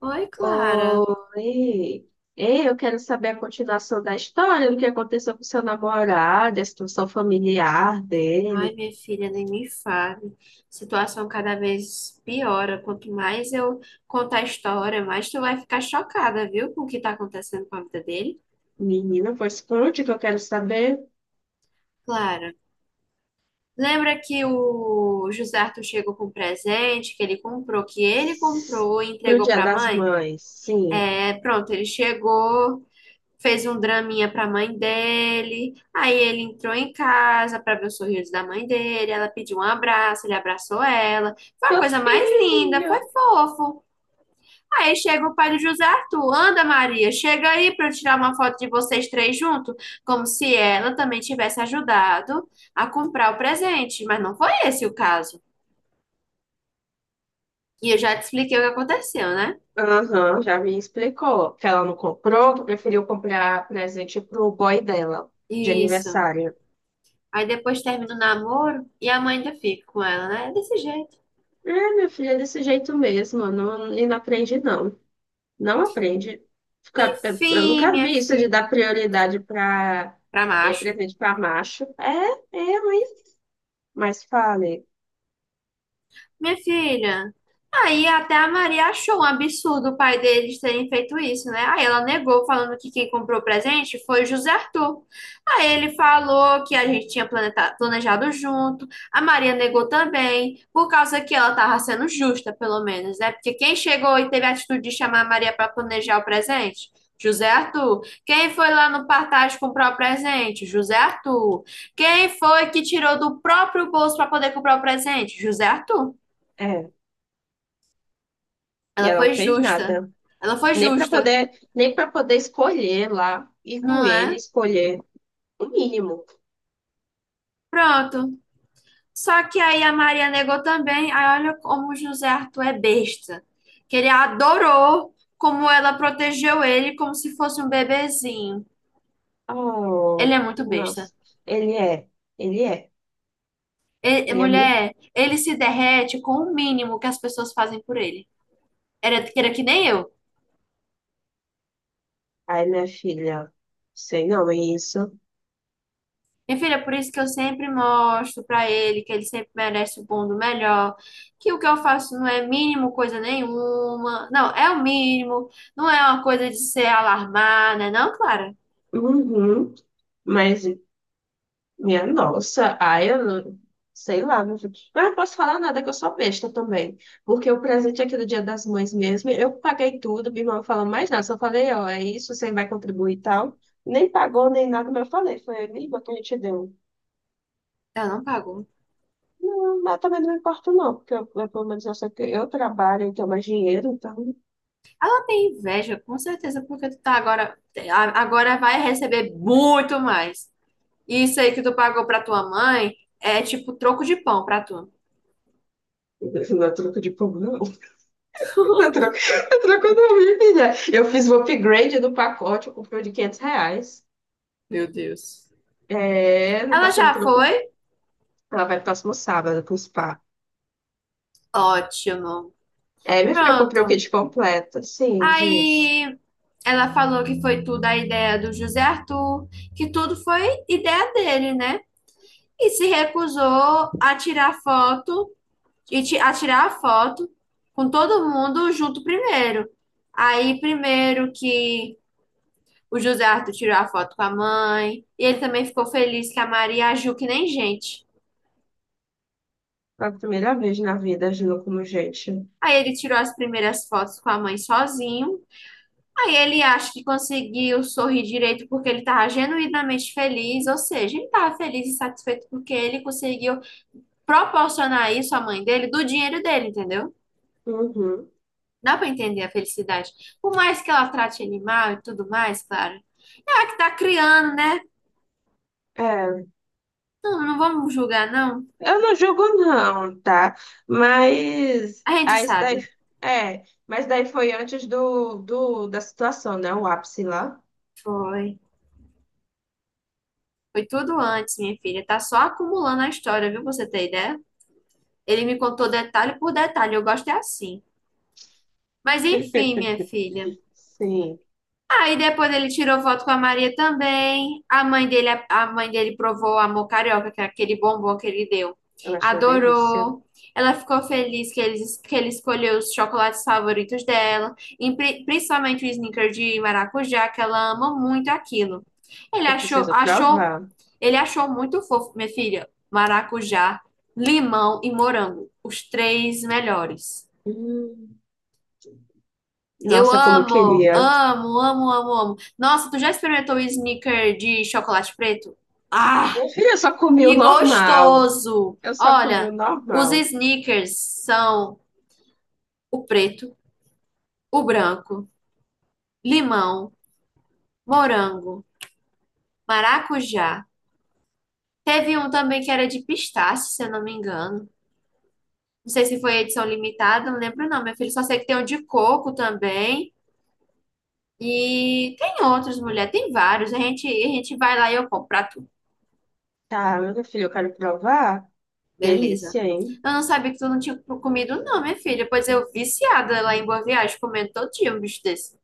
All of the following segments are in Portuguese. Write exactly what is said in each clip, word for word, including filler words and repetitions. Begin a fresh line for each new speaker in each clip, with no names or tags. Oi, Clara.
Oi. Ei, eu quero saber a continuação da história, do que aconteceu com seu namorado, a situação familiar
Ai,
dele.
minha filha, nem me fale. Situação cada vez piora. Quanto mais eu contar a história, mais tu vai ficar chocada, viu, com o que tá acontecendo com a vida dele.
Menina, pois conte que eu quero saber.
Clara, lembra que o José Arthur chegou com um presente que ele comprou, que ele comprou e
Pro
entregou
Dia
pra
das
mãe?
Mães, sim.
É, pronto, ele chegou. Fez um draminha pra mãe dele. Aí ele entrou em casa pra ver o sorriso da mãe dele. Ela pediu um abraço, ele abraçou ela. Foi a
Meu
coisa mais linda, foi
filho!
fofo. Aí chega o pai do José Arthur. Anda, Maria, chega aí pra eu tirar uma foto de vocês três juntos. Como se ela também tivesse ajudado a comprar o presente. Mas não foi esse o caso. E eu já te expliquei o que aconteceu, né?
Aham, já me explicou que ela não comprou, que preferiu comprar presente pro boy dela, de
Isso.
aniversário.
Aí depois termina o namoro e a mãe ainda fica com ela, né? É desse jeito.
É, meu filho, é desse jeito mesmo, não, e não aprende não. Não aprende. Fica- Eu
Enfim,
nunca
minha
vi isso de
filha.
dar prioridade para
Para macho.
presente para macho. É, é ruim. Mas fale.
Minha filha. Aí até a Maria achou um absurdo o pai deles terem feito isso, né? Aí ela negou, falando que quem comprou o presente foi o José Arthur. Aí ele falou que a gente tinha planeta- planejado junto. A Maria negou também, por causa que ela estava sendo justa, pelo menos, né? Porque quem chegou e teve a atitude de chamar a Maria para planejar o presente? José Arthur. Quem foi lá no Partage comprar o presente? José Arthur. Quem foi que tirou do próprio bolso para poder comprar o presente? José Arthur.
É. E
Ela
ela não
foi
fez
justa.
nada.
Ela foi
Nem para
justa,
poder, nem para poder escolher lá, ir com
não
ele,
é?
escolher o mínimo.
Pronto. Só que aí a Maria negou também. Aí olha como o José Arthur é besta. Que ele adorou como ela protegeu ele como se fosse um bebezinho. Ele
Oh,
é muito besta.
nossa. Ele é. Ele é.
E-
Ele é muito.
mulher, ele se derrete com o mínimo que as pessoas fazem por ele. Era, era que nem eu.
Ai, minha filha. Sei não, é isso.
Minha filha, por isso que eu sempre mostro pra ele que ele sempre merece o bom do melhor, que o que eu faço não é mínimo coisa nenhuma, não, é o mínimo, não é uma coisa de ser alarmada, né? Não, Clara,
Uhum. Mas minha nossa, ai, eu não, sei lá, meu filho. Mas eu não posso falar nada que eu sou besta também. Porque o presente aqui do Dia das Mães mesmo, eu paguei tudo, minha irmã não falou mais nada. Só falei, ó, é isso, você vai contribuir e tal. Nem pagou, nem nada, mas eu falei, foi a língua que a gente deu.
ela não pagou.
Não, mas também não me importa, não, porque eu, eu, pelo menos eu sei que eu trabalho e tenho mais dinheiro, então.
Ela tem inveja, com certeza, porque tu tá agora, a- agora vai receber muito mais. Isso aí que tu pagou pra tua mãe é tipo troco de pão pra tu.
Não é troco de pão, não. Não é troco, não é troco não, minha filha. Eu fiz o upgrade do pacote, eu comprei o de quinhentos reais.
Meu Deus.
É, não
Ela
tá sendo
já
troco.
foi?
Ela vai próximo sábado pro spa.
Ótimo.
É, minha filha, eu comprei o
Pronto.
kit completo. Sim, diz.
Aí. Ela falou que foi tudo a ideia do José Arthur, que tudo foi ideia dele, né? E se recusou a tirar foto e ti- a tirar a foto com todo mundo junto primeiro. Aí, primeiro que o José Arthur tirou a foto com a mãe, e ele também ficou feliz que a Maria agiu que nem gente.
Foi a primeira vez na vida agindo como gente.
Aí ele tirou as primeiras fotos com a mãe sozinho. Aí ele acha que conseguiu sorrir direito porque ele estava genuinamente feliz, ou seja, ele estava feliz e satisfeito porque ele conseguiu proporcionar isso à mãe dele do dinheiro dele, entendeu?
Uhum.
Dá para entender a felicidade. Por mais que ela trate ele mal e tudo mais, claro. É que tá criando, né?
É,
Não, não vamos julgar, não.
eu não julgo não, tá? Mas
A gente
aí isso daí
sabe.
é, mas daí foi antes do, do da situação, né? O ápice lá.
Foi. Foi tudo antes, minha filha. Tá só acumulando a história, viu? Pra Você tem ideia? Ele me contou detalhe por detalhe. Eu gosto é assim. Mas enfim, minha filha.
Sim,
Aí depois ele tirou foto com a Maria também. A mãe dele, a mãe dele provou o amor carioca, que é aquele bombom que ele deu.
eu acho uma delícia.
Adorou. Ela ficou feliz que ele, que ele escolheu os chocolates favoritos dela, principalmente o Snickers de maracujá, que ela ama muito aquilo. Ele
Eu
achou,
preciso
achou,
provar.
ele achou muito fofo, minha filha, maracujá, limão e morango, os três melhores.
Hum,
Eu
Nossa, como eu
amo,
queria.
amo, amo, amo, amo. Nossa, tu já experimentou o sneaker de chocolate preto? Ah,
Minha filha, eu só comi o
que
normal.
gostoso!
Eu só comi o
Olha, os
normal.
sneakers são o preto, o branco, limão, morango, maracujá. Teve um também que era de pistache, se eu não me engano. Não sei se foi edição limitada, não lembro não, meu filho. Só sei que tem um de coco também. E tem outros, mulher, tem vários. A gente, a gente vai lá e eu compro pra tu.
Tá, meu filho, eu quero provar.
Beleza.
Delícia, hein?
Eu não sabia que tu não tinha co- comido, não, minha filha. Pois eu viciada lá em Boa Viagem, comendo todo dia um bicho desse.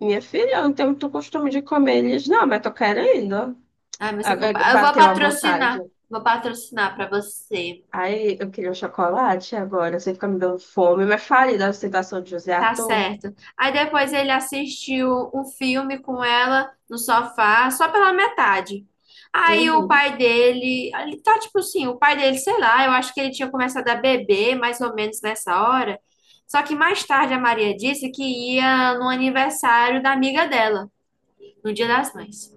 Minha filha, eu não tenho muito costume de comer eles, não, mas tô querendo. Ó.
Ai, mas eu vou,
Agora
pa- eu vou
bateu a vontade.
patrocinar. Vou patrocinar pra você.
Aí eu queria um chocolate agora, você fica me dando fome, mas fale da ostentação de José
Tá
Arthur.
certo. Aí depois ele assistiu um filme com ela no sofá, só pela metade. Aí o
Uhum.
pai dele, ele tá tipo assim, o pai dele, sei lá, eu acho que ele tinha começado a beber mais ou menos nessa hora. Só que mais tarde a Maria disse que ia no aniversário da amiga dela. No Dia das Mães.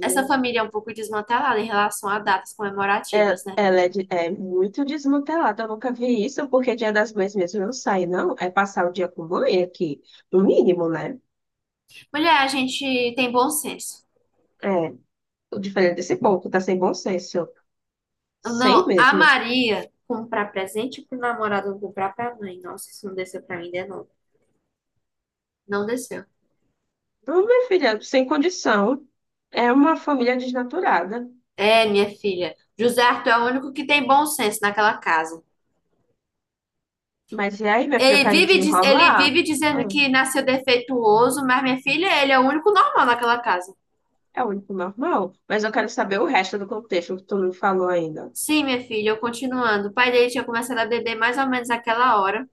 Essa família é um pouco desmantelada em relação a datas
É-
comemorativas, né?
Ela é, de- é muito desmantelada, eu nunca vi isso, porque Dia das Mães mesmo eu não sai, não. É passar o dia com mãe aqui, no mínimo, né?
Mulher, a gente tem bom senso.
É, o diferente desse povo, tá sem bom senso. Sem
Não, a
mesmo.
Maria comprar presente pro namorado, não comprar pra mãe. Nossa, isso não desceu pra mim de novo. Não desceu.
Ô, minha filha, sem condição. É uma família desnaturada.
É, minha filha. José Arthur é o único que tem bom senso naquela casa.
Mas e aí, minha filha, eu
Ele
quero
vive, ele
desenrolar?
vive
Ah,
dizendo que nasceu defeituoso, mas minha filha, ele é o único normal naquela casa.
é o único normal. Mas eu quero saber o resto do contexto que tu não falou ainda.
Sim, minha filha, eu continuando. O pai dele tinha começado a beber mais ou menos naquela hora.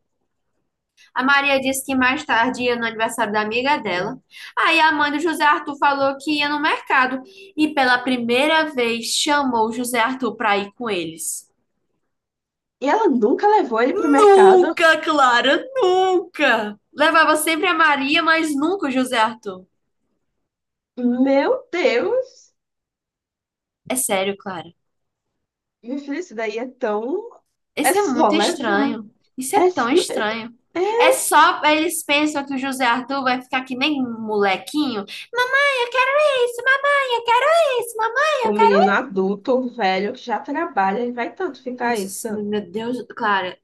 A Maria disse que mais tarde ia no aniversário da amiga dela. Aí a mãe do José Arthur falou que ia no mercado e pela primeira vez chamou o José Arthur para ir com eles.
E ela nunca levou ele pro mercado?
Nunca, Clara, nunca! Levava sempre a Maria, mas nunca o José Arthur.
Meu Deus!
É sério, Clara.
Minha filha, isso daí é tão. É
Isso é
só
muito
levar.
estranho. Isso é
É... s-
tão estranho. É só eles pensam que o José Arthur vai ficar que nem um molequinho. Mamãe, eu quero isso, mamãe, eu quero isso, mamãe, eu
O menino adulto, o velho, que já trabalha, ele vai tanto
Meu
ficar
Deus, do
isso.
céu, meu Deus, Clara,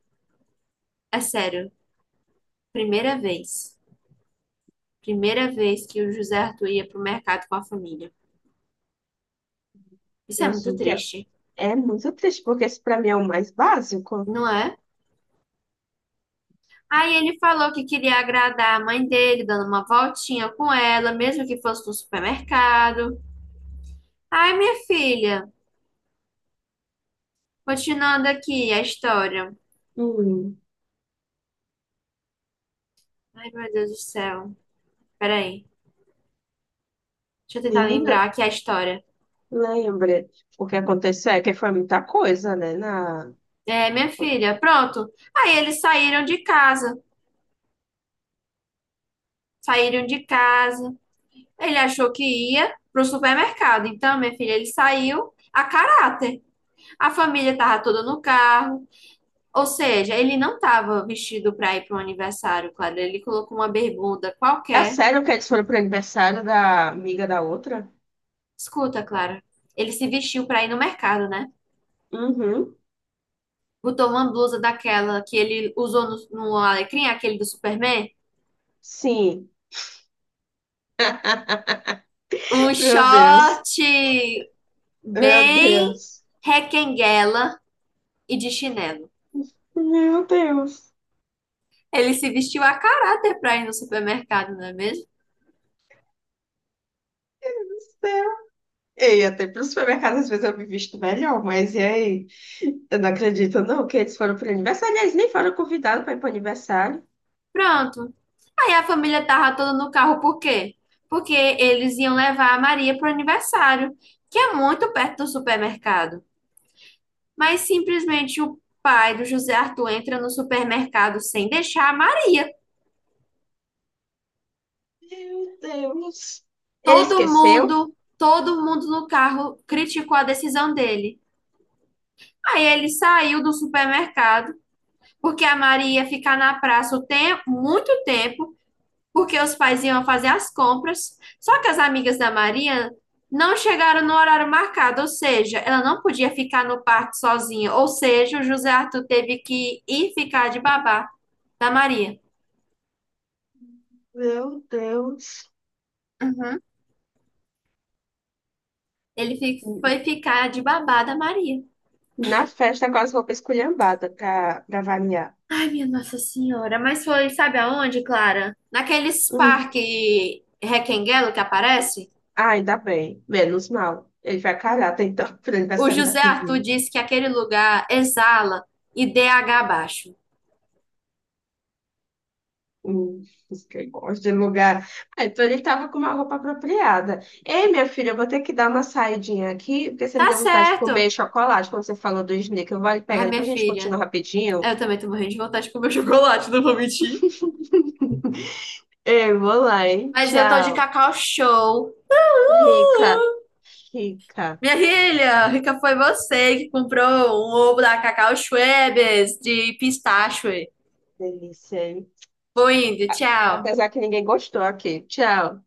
é sério. Primeira vez. Primeira vez que o José Arthur ia pro mercado com a família. Isso é
Deus
muito
do céu.
triste,
É é muito triste, porque isso pra mim é o mais básico.
não é? Aí ele falou que queria agradar a mãe dele, dando uma voltinha com ela, mesmo que fosse no supermercado. Ai, minha filha, continuando aqui a história.
Hum,
Ai, meu Deus do céu. Peraí, deixa eu tentar lembrar
menina,
aqui a história.
lembra o que aconteceu? É que foi muita coisa, né? Na...
É, minha filha, pronto. Aí eles saíram de casa. Saíram de casa. Ele achou que ia pro supermercado. Então, minha filha, ele saiu a caráter. A família estava toda no carro. Ou seja, ele não estava vestido para ir para um aniversário, Clara. Ele colocou uma bermuda
É
qualquer.
sério que eles foram pro aniversário da amiga da outra?
Escuta, Clara. Ele se vestiu para ir no mercado, né?
Uhum,
Botou uma blusa daquela que ele usou no, no Alecrim, aquele do Superman.
sim.
Um
Meu
short
Deus, meu
bem
Deus,
requenguela e de chinelo.
meu Deus.
Ele se vestiu a caráter para ir no supermercado, não é mesmo?
Ei, até pro supermercado às vezes eu me visto melhor, mas e aí? Eu não acredito não que eles foram pro aniversário. Eles nem foram convidados para ir pro aniversário.
Pronto. Aí a família tava toda no carro, por quê? Porque eles iam levar a Maria pro aniversário, que é muito perto do supermercado. Mas simplesmente o pai do José Arthur entra no supermercado sem deixar a Maria.
Meu Deus. Ele
Todo
esqueceu?
mundo, todo mundo no carro criticou a decisão dele. Aí ele saiu do supermercado, porque a Maria ia ficar na praça o tem muito tempo porque os pais iam fazer as compras, só que as amigas da Maria não chegaram no horário marcado, ou seja, ela não podia ficar no parque sozinha, ou seja, o José Arthur teve que ir ficar de babá da Maria.
Meu Deus.
Uhum. Ele fi- foi ficar de babá da Maria.
Na festa com as roupas esculhambadas pra, pra variar.
Ai, minha Nossa Senhora, mas foi, sabe aonde, Clara? Naqueles
Hum.
parque Requenguelo que aparece,
Ah, ainda bem. Menos mal. Ele vai carar, então, pro
o
aniversário da
José Arthur
menina.
disse que aquele lugar exala I D H baixo.
Hum, isso que eu gosto de lugar. Ah, então ele tava com uma roupa apropriada. Ei, minha filha, eu vou ter que dar uma saidinha aqui, porque você me
Tá
deu vontade de comer
certo.
chocolate quando você falou do Snickers. Eu vou ali pegar
Ai,
ele pra
minha
gente
filha.
continuar rapidinho.
Eu também tô morrendo de vontade de comer chocolate, não vou mentir.
Ei, vou lá, hein?
Mas eu tô de
Tchau.
cacau show.
Rica,
Uhul!
rica.
Minha filha, rica foi você que comprou um ovo da Cacau Schwebes de pistache.
Delícia, hein?
Vou indo,
A-
tchau.
Apesar que ninguém gostou aqui. Tchau.